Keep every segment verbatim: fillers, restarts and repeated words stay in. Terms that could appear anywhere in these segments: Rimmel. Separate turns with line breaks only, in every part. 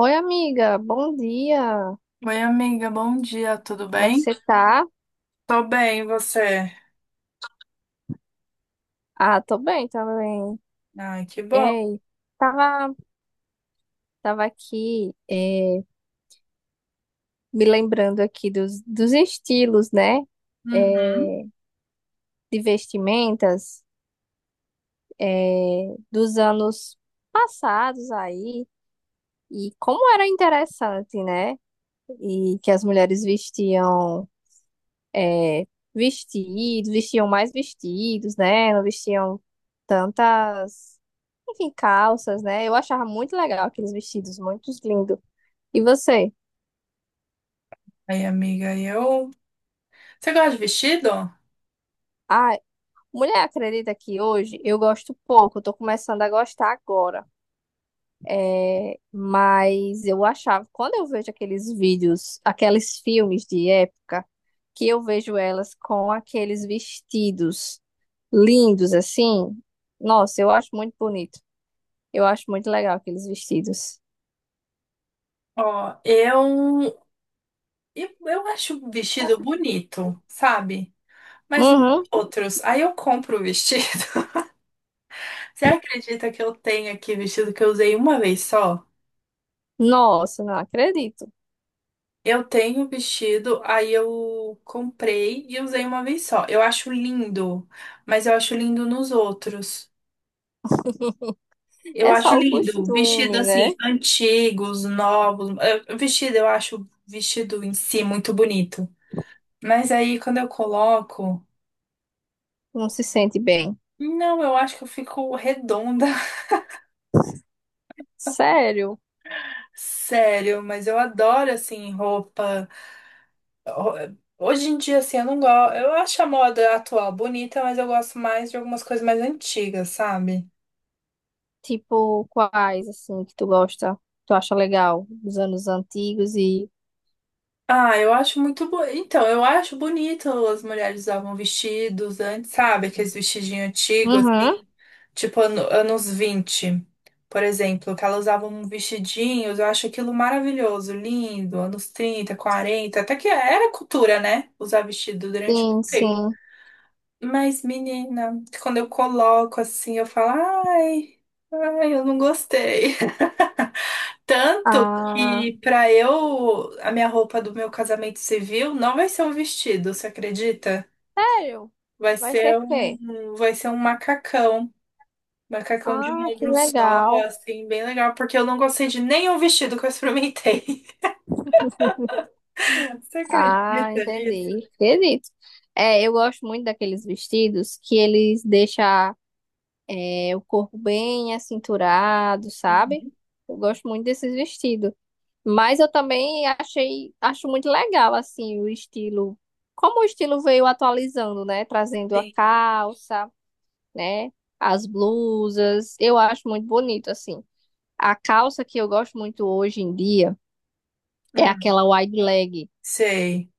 Oi, amiga, bom dia.
Oi, amiga, bom dia, tudo
Como é que
bem?
você tá?
Tô bem, e você?
Ah, tô bem também.
Ai, que bom.
Ei, tava, tava aqui é, me lembrando aqui dos, dos estilos, né?
Uhum.
É, de vestimentas, é, dos anos passados aí. E como era interessante, né? E que as mulheres vestiam. é, Vestidos, vestiam mais vestidos, né? Não vestiam tantas, enfim, calças, né? Eu achava muito legal aqueles vestidos, muito lindo. E você?
Aí, amiga, eu. Você gosta de vestido?
Ah, mulher, acredita que hoje eu gosto pouco, eu tô começando a gostar agora. É, mas eu achava, quando eu vejo aqueles vídeos, aqueles filmes de época, que eu vejo elas com aqueles vestidos lindos assim, nossa, eu acho muito bonito. Eu acho muito legal aqueles vestidos.
Ó, eu. Eu eu acho o vestido bonito, sabe? Mas não
Uhum.
outros. Aí eu compro o vestido. Você acredita que eu tenho aqui vestido que eu usei uma vez só?
Nossa, não acredito.
Eu tenho vestido, aí eu comprei e usei uma vez só. Eu acho lindo, mas eu acho lindo nos outros. Eu
É
acho
só o
lindo. Vestido
costume,
assim,
né?
antigos, novos. Eh, Vestido, eu acho vestido em si muito bonito. Mas aí quando eu coloco.
Não se sente bem.
Não, eu acho que eu fico redonda.
Sério?
Sério, mas eu adoro assim, roupa. Ho- Hoje em dia, assim, eu não gosto. Eu acho a moda atual bonita, mas eu gosto mais de algumas coisas mais antigas, sabe?
Tipo, quais, assim, que tu gosta, tu acha legal? Dos anos antigos e.
Ah, eu acho muito bo... Então, eu acho bonito as mulheres usavam vestidos antes, sabe? Aqueles vestidinhos antigos,
Uhum.
assim, tipo ano- anos vinte por exemplo, que elas usavam vestidinhos, eu acho aquilo maravilhoso, lindo, anos trinta quarenta até que era cultura, né? Usar vestido durante
Sim,
muito tempo.
sim.
Mas, menina, quando eu coloco assim, eu falo, ai, ai, eu não gostei. Tanto
Ah,
que pra eu, a minha roupa do meu casamento civil não vai ser um vestido, você acredita?
sério?
Vai
Vai ser
ser
o quê?
um, vai ser um macacão. Macacão de
Ah,
um
que
ombro só,
legal.
assim, bem legal, porque eu não gostei de nenhum vestido que eu experimentei. Você
Ah,
acredita nisso?
entendi. Acredito. É, eu gosto muito daqueles vestidos que eles deixam, é, o corpo bem acinturado, sabe?
Uhum.
Eu gosto muito desses vestidos. Mas eu também achei, acho muito legal, assim, o estilo. Como o estilo veio atualizando, né? Trazendo a
Sim.
calça, né? As blusas. Eu acho muito bonito, assim. A calça que eu gosto muito hoje em dia é
Hum,
aquela wide leg,
sei.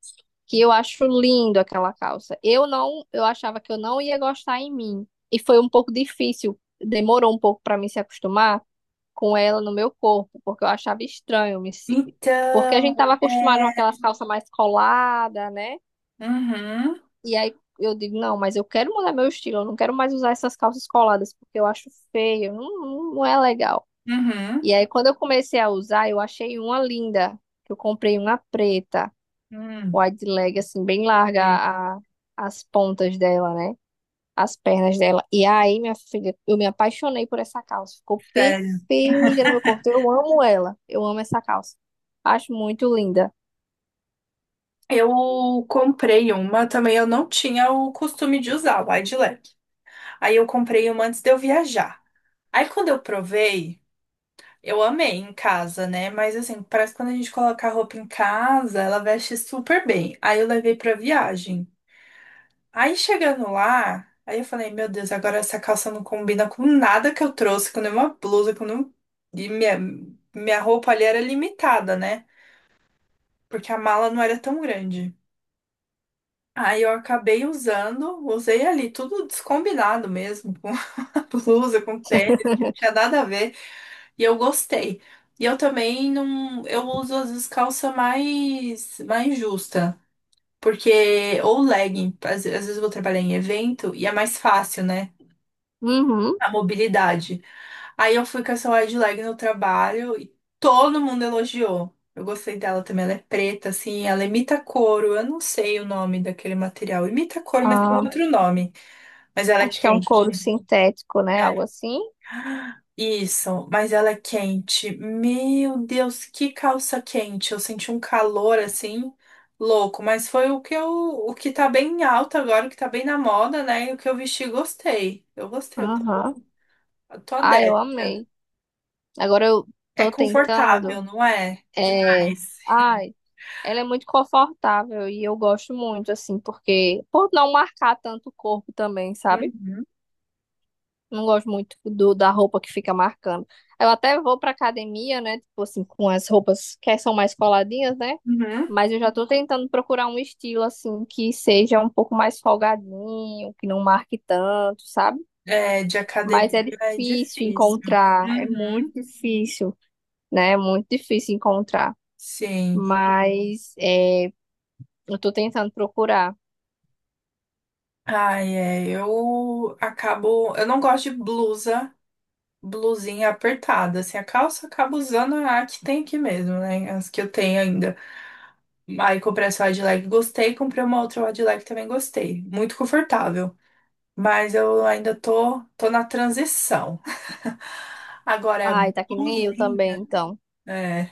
que eu acho lindo aquela calça. Eu não, eu achava que eu não ia gostar em mim. E foi um pouco difícil, demorou um pouco para mim se acostumar com ela no meu corpo, porque eu achava estranho, me se- porque a gente estava
Então,
acostumado com
é.
aquelas calças mais coladas, né?
Uhum,
E aí eu digo, não, mas eu quero mudar meu estilo, eu não quero mais usar essas calças coladas, porque eu acho feio, não, não não é legal.
uhum,
E aí quando eu comecei a usar, eu achei uma linda, que eu comprei uma preta,
hum,
wide leg, assim, bem larga
sei.
a- as pontas dela, né? As pernas dela. E aí, minha filha, eu me apaixonei por essa calça. Ficou
Sério.
perfeita no meu corpo. Eu amo ela. Eu amo essa calça. Acho muito linda.
Eu comprei uma também, eu não tinha o costume de usar, wide leg. Aí eu comprei uma antes de eu viajar. Aí quando eu provei, eu amei em casa, né? Mas assim, parece que quando a gente coloca a roupa em casa, ela veste super bem. Aí eu levei pra viagem. Aí chegando lá, aí eu falei, meu Deus, agora essa calça não combina com nada que eu trouxe, com nenhuma blusa, com nenhum... E minha, minha roupa ali era limitada, né? Porque a mala não era tão grande. Aí eu acabei usando, usei ali, tudo descombinado mesmo. Blusa, com tênis, que não tinha nada a ver. E eu gostei. E eu também não. Eu uso às vezes calça mais, mais justa. Porque, ou legging, às, às vezes eu vou trabalhar em evento e é mais fácil, né?
Uhum.
A mobilidade. Aí eu fui com essa wide leg no trabalho e todo mundo elogiou. Eu gostei dela também, ela é preta, assim, ela imita couro. Eu não sei o nome daquele material. Imita couro, mas tem
Ah,
outro nome. Mas ela é
acho que é um couro
quente.
sintético, né? Algo
É.
assim.
Isso, mas ela é quente. Meu Deus, que calça quente. Eu senti um calor assim louco, mas foi o que eu, o que tá bem alto agora, o que tá bem na moda, né? E o que eu vesti, gostei. Eu gostei, eu tô,
Aham.
eu tô
Ah, eu
adepta.
amei. Agora eu
É
tô
confortável,
tentando.
não é?
É...
Demais.
Ai, ela é muito confortável e eu gosto muito, assim, porque. Por não marcar tanto o corpo também, sabe?
Uhum,
Não gosto muito do, da roupa que fica marcando. Eu até vou pra academia, né? Tipo assim, com as roupas que são mais coladinhas, né?
uhum.
Mas eu já tô tentando procurar um estilo, assim, que seja um pouco mais folgadinho, que não marque tanto, sabe?
É, de academia
Mas é
é
difícil
difícil.
encontrar, é muito
Uhum.
difícil, né? É muito difícil encontrar.
Sim.
Mas é, eu tô tentando procurar.
Ai, é, eu acabo, eu não gosto de blusa. Blusinha apertada, assim, a calça eu acabo usando a que tem aqui mesmo, né? As que eu tenho ainda. Aí comprei essa wide leg, gostei, comprei uma outra wide leg também gostei. Muito confortável. Mas eu ainda tô, tô na transição. Agora é
Ai, tá que nem eu também,
blusinha,
então.
é.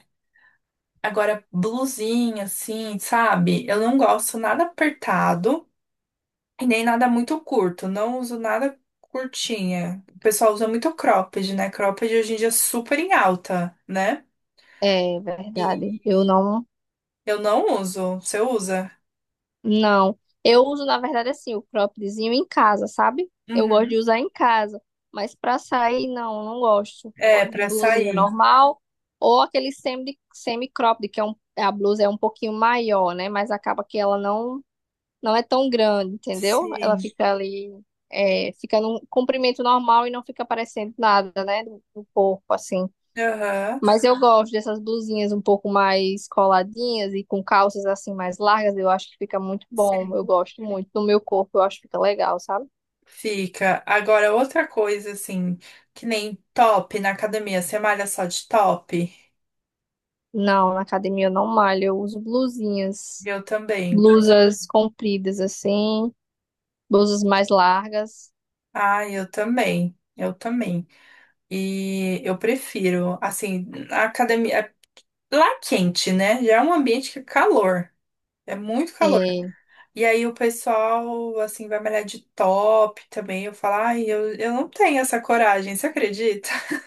Agora blusinha, assim, sabe? Eu não gosto nada apertado e nem nada muito curto. Não uso nada curtinha. O pessoal usa muito cropped, né? Cropped hoje em dia é super em alta, né?
É verdade. Eu
E
não.
eu não uso. Você usa?
Não, eu uso na verdade assim o croppedzinho em casa, sabe? Eu gosto
Uhum.
de usar em casa, mas pra sair não, não gosto. Eu
É,
gosto de
pra
blusinha
sair.
normal ou aquele semi semi cropped que é um, a blusa é um pouquinho maior, né? Mas acaba que ela não não é tão grande, entendeu? Ela
Sim.
fica ali, é, fica num comprimento normal e não fica parecendo nada, né? Do, do corpo assim.
Aham.
Mas eu gosto dessas blusinhas um pouco mais coladinhas e com calças assim mais largas, eu acho que fica muito bom. Eu
Sim.
gosto muito do meu corpo, eu acho que fica legal, sabe?
Fica. Agora, outra coisa, assim, que nem top na academia. Você malha só de top?
Não, na academia eu não malho, eu uso blusinhas,
Eu também.
blusas compridas assim, blusas mais largas.
Ah, eu também. Eu também. E eu prefiro, assim, a academia. Lá é quente, né? Já é um ambiente que é calor. É muito calor.
É,
E aí o pessoal, assim, vai malhar de top também. Eu falo, ai, eu, eu não tenho essa coragem, você acredita?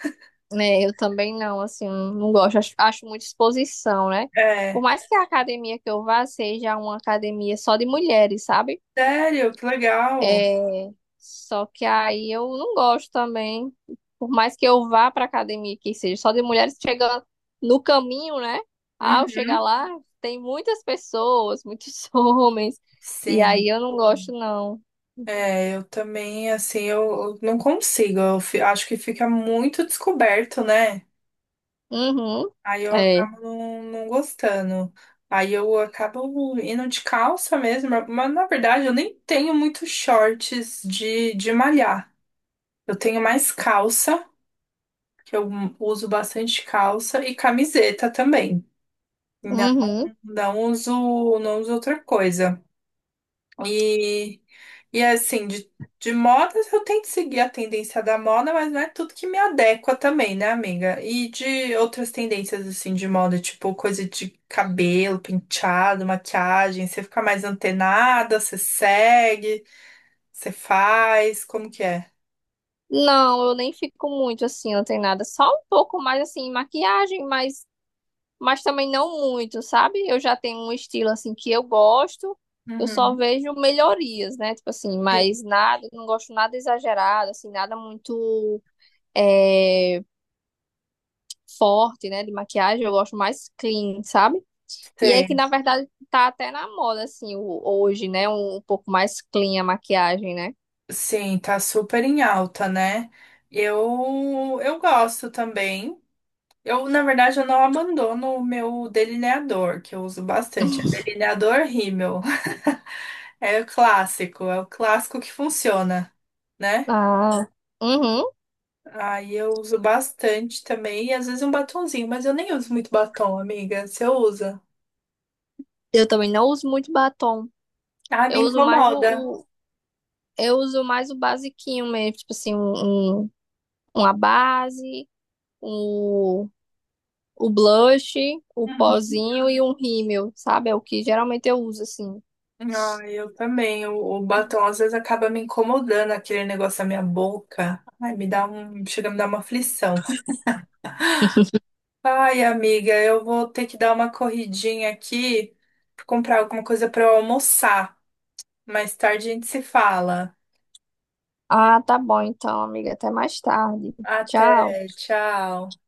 né, eu também não, assim, não gosto, acho, acho muita exposição, né? Por
É,
mais que a academia que eu vá seja uma academia só de mulheres, sabe?
sério, que legal.
É, só que aí eu não gosto também. Por mais que eu vá pra academia, que seja só de mulheres chegando no caminho, né? Ao chegar
Uhum.
lá, tem muitas pessoas, muitos homens. E
Sim,
aí eu não gosto, não.
é, eu também, assim, eu eu não consigo. Eu fi- acho que fica muito descoberto, né?
Uhum.
Aí eu
É.
acabo não, não gostando. Aí eu acabo indo de calça mesmo, mas na verdade eu nem tenho muitos shorts de, de malhar. Eu tenho mais calça. Que eu uso bastante calça e camiseta também. Não,
Uhum.
não uso, não uso outra coisa. E, e assim, de, de modas eu tento seguir a tendência da moda, mas não é tudo que me adequa também, né, amiga? E de outras tendências assim de moda, tipo coisa de cabelo, penteado, maquiagem, você fica mais antenada, você segue, você faz, como que é?
Não, eu nem fico muito assim, não tem nada. Só um pouco mais assim, maquiagem, mas mas também não muito, sabe? Eu já tenho um estilo assim que eu gosto, eu só
Uhum.
vejo melhorias, né? Tipo assim,
Sim.
mas nada, não gosto nada exagerado, assim, nada muito, é, forte, né? De maquiagem, eu gosto mais clean, sabe? E é que
Sei.
na verdade tá até na moda, assim, o- hoje, né? Um, um pouco mais clean a maquiagem, né?
Sim, tá super em alta, né? Eu eu gosto também. Eu, na verdade, eu não abandono o meu delineador, que eu uso bastante. É delineador Rimmel. É o clássico, é o clássico que funciona, né?
Ah, uhum.
Aí eu uso bastante também, e às vezes um batonzinho, mas eu nem uso muito batom, amiga. Você usa?
Eu também não uso muito batom.
Ah, me
Eu uso mais o,
incomoda.
o- eu uso mais o basiquinho mesmo, tipo assim, um, um- uma base, o, o blush, o pozinho e um rímel, sabe? É o que geralmente eu uso assim.
Ah, eu também. O, o batom às vezes acaba me incomodando aquele negócio na minha boca. Ai, me dá um, chega a me dar uma aflição. Ai, amiga, eu vou ter que dar uma corridinha aqui, pra comprar alguma coisa para eu almoçar. Mais tarde a gente se fala.
Ah, tá bom então, amiga. Até mais tarde. Tchau.
Até, tchau.